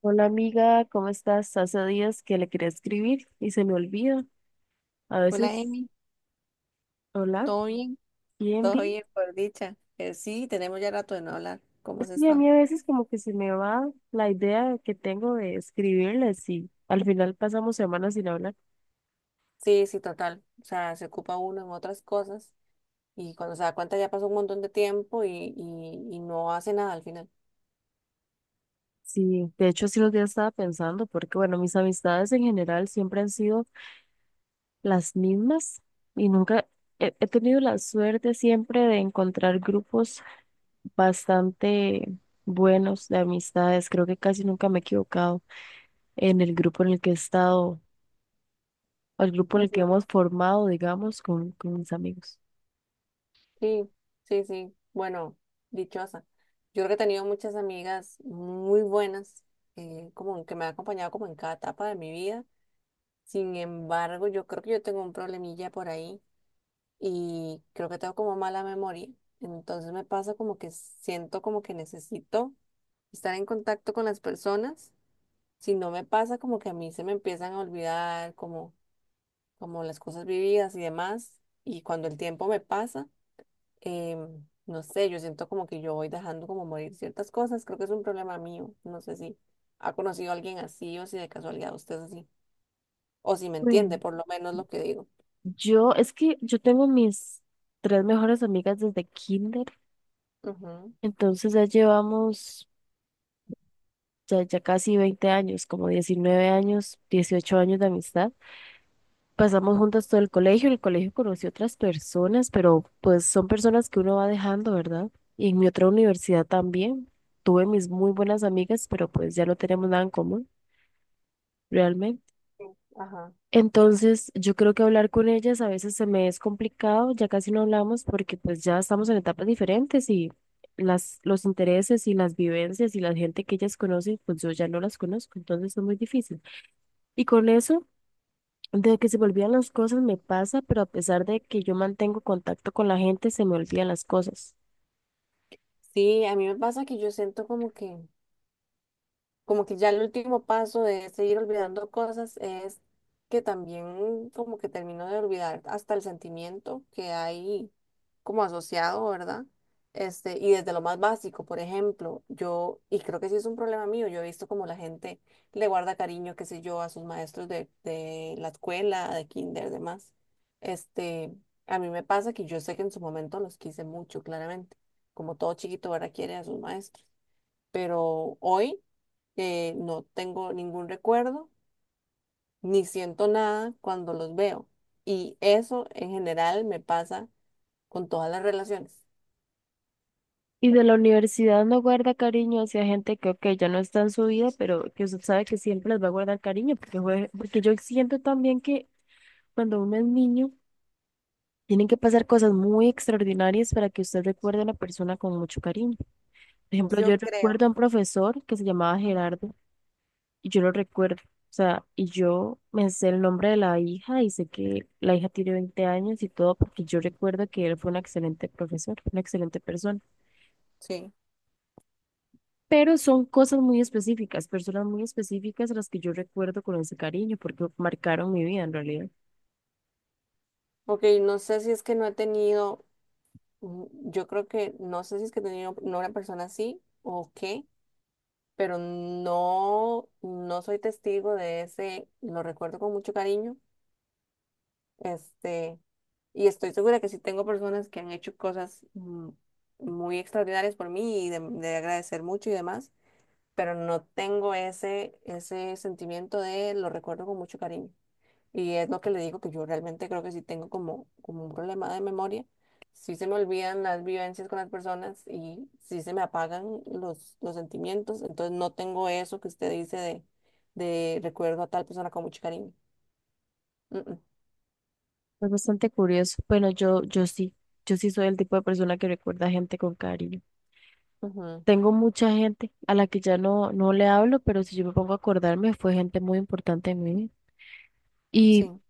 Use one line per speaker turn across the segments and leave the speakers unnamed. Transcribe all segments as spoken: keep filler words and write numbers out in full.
Hola amiga, ¿cómo estás? Hace días que le quería escribir y se me olvida. A
Hola,
veces,
Emi.
hola,
¿Todo bien?
bien,
Todo
bien.
bien, por dicha. Eh, sí, tenemos ya rato de no hablar. ¿Cómo
Es
se
que a
está?
mí a veces como que se me va la idea que tengo de escribirles y al final pasamos semanas sin hablar.
Sí, sí, total. O sea, se ocupa uno en otras cosas y cuando se da cuenta ya pasó un montón de tiempo y, y, y no hace nada al final.
Sí, de hecho sí los días estaba pensando porque bueno, mis amistades en general siempre han sido las mismas y nunca he, he tenido la suerte siempre de encontrar grupos bastante buenos de amistades. Creo que casi nunca me he equivocado. En el grupo en el que he estado, al grupo en el que
Ujú.
hemos formado, digamos, con, con mis amigos.
Sí, sí, sí. Bueno, dichosa. Yo creo que he tenido muchas amigas muy buenas, eh, como que me han acompañado como en cada etapa de mi vida. Sin embargo, yo creo que yo tengo un problemilla por ahí y creo que tengo como mala memoria. Entonces me pasa como que siento como que necesito estar en contacto con las personas. Si no me pasa como que a mí se me empiezan a olvidar como, como las cosas vividas y demás. Y cuando el tiempo me pasa, em, no sé, yo siento como que yo voy dejando como morir ciertas cosas. Creo que es un problema mío. No sé si ha conocido a alguien así o si de casualidad usted es así. O si me entiende
Bueno,
por lo menos lo que digo.
yo, es que yo tengo mis tres mejores amigas desde kinder,
Ujú.
entonces ya llevamos ya, ya casi veinte años, como diecinueve años, dieciocho años de amistad. Pasamos juntas todo el colegio, en el colegio conocí otras personas, pero pues son personas que uno va dejando, ¿verdad? Y en mi otra universidad también. Tuve mis muy buenas amigas, pero pues ya no tenemos nada en común, realmente.
Sí. Ajá.
Entonces, yo creo que hablar con ellas a veces se me es complicado, ya casi no hablamos porque pues ya estamos en etapas diferentes y las, los intereses y las vivencias y la gente que ellas conocen, pues yo ya no las conozco, entonces es muy difícil. Y con eso, de que se me olvidan las cosas me pasa, pero a pesar de que yo mantengo contacto con la gente, se me olvidan las cosas.
Sí, a mí me pasa que yo siento como que como que ya el último paso de seguir olvidando cosas es que también como que termino de olvidar hasta el sentimiento que hay como asociado, ¿verdad? Este, y desde lo más básico, por ejemplo, yo, y creo que sí es un problema mío, yo he visto como la gente le guarda cariño, qué sé yo, a sus maestros de, de la escuela, de kinder, demás. Este, a mí me pasa que yo sé que en su momento los quise mucho, claramente, como todo chiquito ahora quiere a sus maestros, pero hoy eh, no tengo ningún recuerdo ni siento nada cuando los veo. Y eso en general me pasa con todas las relaciones.
Y de la universidad no guarda cariño hacia gente que, ok, ya no está en su vida, pero que usted sabe que siempre les va a guardar cariño, porque, fue- porque yo siento también que cuando uno es niño, tienen que pasar cosas muy extraordinarias para que usted recuerde a una persona con mucho cariño. Por ejemplo, yo
Yo creo.
recuerdo a un profesor que se llamaba
Ujú.
Gerardo y yo lo recuerdo. O sea, y yo me sé el nombre de la hija y sé que la hija tiene veinte años y todo porque yo recuerdo que él fue un excelente profesor, una excelente persona.
Sí.
Pero son cosas muy específicas, personas muy específicas a las que yo recuerdo con ese cariño porque marcaron mi vida en realidad.
Ok, no sé si es que no he tenido, mm, yo creo que no sé si es que he tenido no una persona así o qué, pero no, no soy testigo de ese, lo recuerdo con mucho cariño. este, Y estoy segura que sí tengo personas que han hecho cosas, mm, muy extraordinarias por mí y de, de agradecer mucho y demás, pero no tengo ese, ese sentimiento de lo recuerdo con mucho cariño. Y es lo que le digo que yo realmente creo que sí tengo como, como un problema de memoria. Sí se me olvidan las vivencias con las personas y sí se me apagan los, los sentimientos. Entonces no tengo eso que usted dice de, de recuerdo a tal persona con mucho cariño. Mm, mm,
Es bastante curioso. Bueno, yo, yo sí, yo sí soy el tipo de persona que recuerda a gente con cariño.
ujú,
Tengo mucha gente a la que ya no, no le hablo, pero si yo me pongo a acordarme, fue gente muy importante en mí. Y
sí.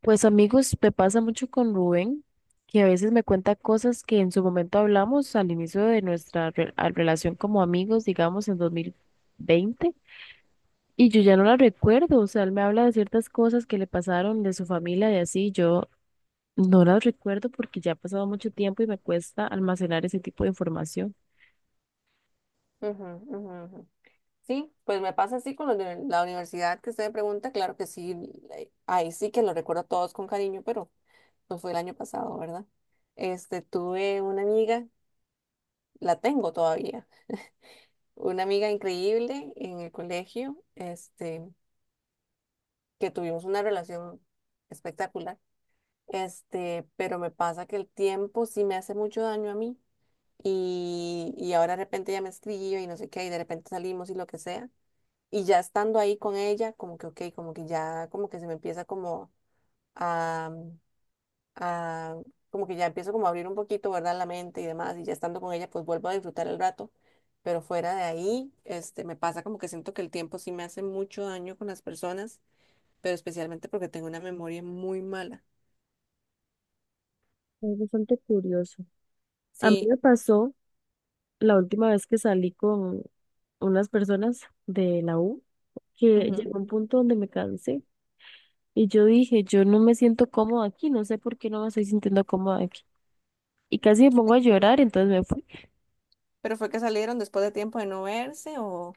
pues amigos, me pasa mucho con Rubén, que a veces me cuenta cosas que en su momento hablamos al inicio de nuestra re- a- relación como amigos, digamos en dos mil veinte y yo ya no la recuerdo. O sea, él me habla de ciertas cosas que le pasaron de su familia y así, yo no las recuerdo porque ya ha pasado mucho tiempo y me cuesta almacenar ese tipo de información.
Ujú, ujú, ujú. Sí, pues me pasa así con los de la universidad que usted me pregunta, claro que sí, eh, ahí sí que lo recuerdo a todos con cariño, pero no fue el año pasado, ¿verdad? Este, tuve una amiga, la tengo todavía, una amiga increíble en el colegio, este, que tuvimos una relación espectacular. Este, pero me pasa que el tiempo sí me hace mucho daño a mí y, y ahora de repente ya me escribe y no sé qué, y de repente salimos y lo que sea. Y ya estando ahí con ella, como que, ok, como que ya, como que se me empieza como a, a- como que ya empiezo como a abrir un poquito, ¿verdad? La mente y demás, y ya estando con ella, pues vuelvo a disfrutar el rato. Pero fuera de ahí, este, me pasa como que siento que el tiempo sí me hace mucho daño con las personas, pero especialmente porque tengo una memoria muy mala.
Es bastante curioso. A mí
Sí.
me pasó la última vez que salí con unas personas de la U que
Ujú.
llegó un punto donde me cansé y yo dije, yo no me siento cómoda aquí, no sé por qué no me estoy sintiendo cómoda aquí. Y casi me
¿Qué te-
pongo a llorar, entonces me fui.
Pero fue que salieron después de tiempo de no verse o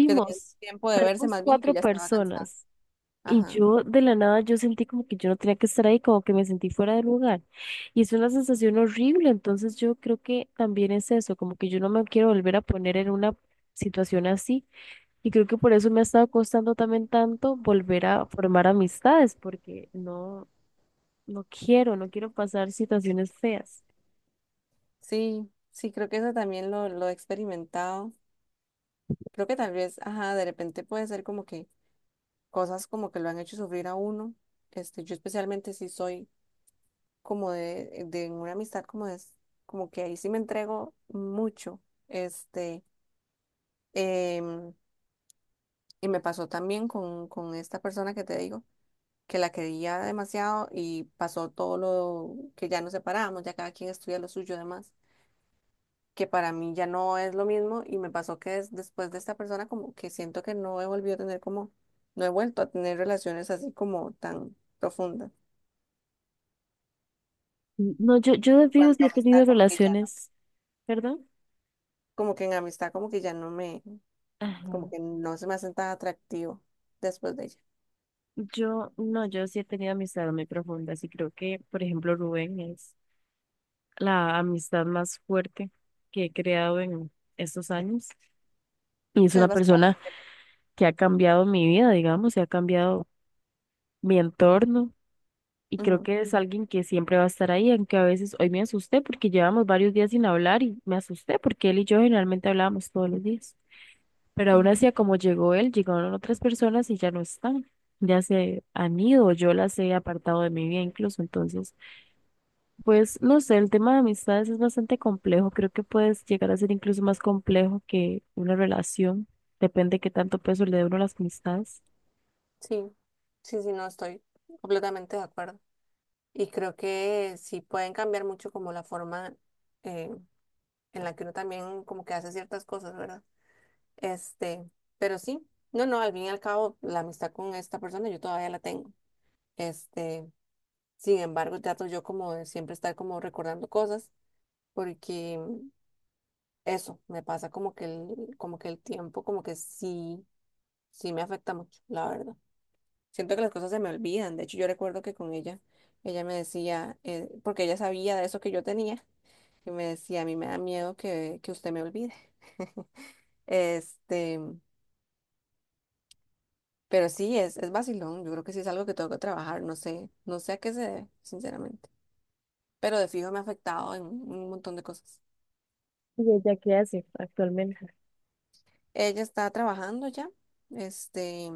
que tenían tiempo de verse
salimos
más bien y que
cuatro
ya estaba cansada.
personas. Y
Ajá.
yo de la nada yo sentí como que yo no tenía que estar ahí, como que me sentí fuera de lugar. Y es una sensación horrible, entonces yo creo que también es eso, como que yo no me quiero volver a poner en una situación así. Y creo que por eso me ha estado costando también tanto volver a formar amistades, porque no, no quiero, no quiero pasar situaciones feas.
Sí, sí, creo que eso también lo, lo he experimentado. Creo que tal vez, ajá, de repente puede ser como que cosas como que lo han hecho sufrir a uno. Este, yo especialmente sí soy como de, de una amistad como es, como que ahí sí me entrego mucho. Este, em, y me pasó también con, con esta persona que te digo, que la quería demasiado y pasó todo lo que ya nos separamos, ya cada quien estudia lo suyo y demás, que para mí ya no es lo mismo y me pasó que des- después de esta persona como que siento que no he volvido a tener como, no he vuelto a tener relaciones así como tan profundas.
No, yo, yo de
En
fijo
cuanto
sí
a
he
amistad,
tenido
como que ya no,
relaciones, ¿perdón?
como que en amistad como que ya no me, como
Ajá.
que no se me hace tan atractivo después de ella.
Yo, no, yo sí he tenido amistades muy profundas y creo que, por ejemplo, Rubén es la amistad más fuerte que he creado en estos años. Y es
Sí, es
una
bastante-
persona que ha cambiado mi vida, digamos, y ha cambiado mi entorno. Y creo
Ujú,
que es alguien que siempre va a estar ahí, aunque a veces hoy me asusté porque llevamos varios días sin hablar y me asusté porque él y yo generalmente hablábamos todos los días. Pero aún
ujú.
así, a como llegó él, llegaron otras personas y ya no están. Ya se han ido, yo las he apartado de mi vida incluso. Entonces, pues no sé, el tema de amistades es bastante complejo. Creo que puedes llegar a ser incluso más complejo que una relación. Depende de qué tanto peso le dé uno a las amistades.
Sí, sí, sí, no estoy completamente de acuerdo. Y creo que sí pueden cambiar mucho como la forma eh, en la que uno también como que hace ciertas cosas, ¿verdad? Este, pero sí, no, no, al fin y al cabo, la amistad con esta persona yo todavía la tengo. Este, Sin embargo, trato yo como de siempre estar como recordando cosas, porque eso me pasa como que el, como que el tiempo, como que sí, sí me afecta mucho, la verdad. Siento que las cosas se me olvidan. De hecho, yo recuerdo que con ella, ella me decía, eh, porque ella sabía de eso que yo tenía, y me decía, a mí me da miedo que, que usted me olvide. Este, Pero sí, es, es vacilón. Yo creo que sí es algo que tengo que trabajar. No sé, no sé a qué se debe, sinceramente. Pero de fijo me ha afectado en un montón de cosas.
¿Y ella qué hace actualmente?
Ella está trabajando ya. Este,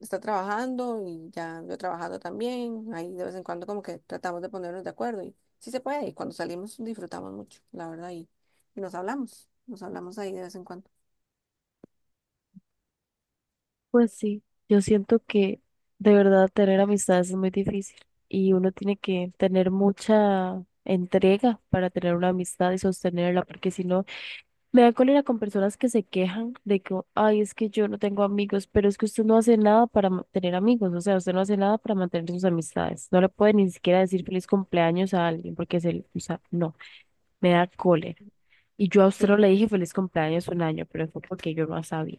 Está trabajando y ya yo trabajando también. Ahí de vez en cuando como que tratamos de ponernos de acuerdo y sí se puede. Y cuando salimos disfrutamos mucho, la verdad. Y, y nos hablamos, nos hablamos ahí de vez en cuando.
Pues sí, yo siento que de verdad tener amistades es muy difícil y uno tiene que tener mucha entrega para tener una amistad y sostenerla, porque si no, me da cólera con personas que se quejan de que, ay, es que yo no tengo amigos, pero es que usted no hace nada para ma- tener amigos, o sea, usted no hace nada para mantener sus amistades. No le puede ni siquiera decir feliz cumpleaños a alguien porque se, le- o sea, no, me da cólera. Y yo a usted
Sí.
no le dije feliz cumpleaños un año, pero fue porque yo no sabía.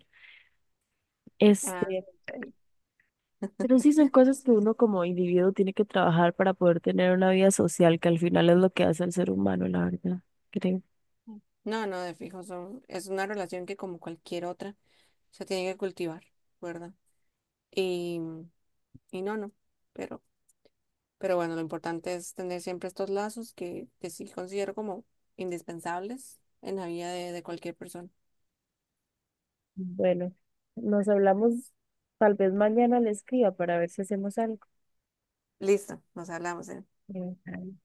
Ah,
Este,
está bien.
pero sí son cosas que uno como individuo tiene que trabajar para poder tener una vida social, que al final es lo que hace al ser humano, la verdad, creo.
No, no, de fijo son, es una relación que como cualquier otra se tiene que cultivar, ¿verdad? Y, y no, no. Pero, pero bueno, lo importante es tener siempre estos lazos que, que sí considero como indispensables en la vida de, de cualquier persona.
Bueno, nos hablamos tal vez mañana le escriba para ver si hacemos algo.
Listo, nos hablamos. eh.
Bueno,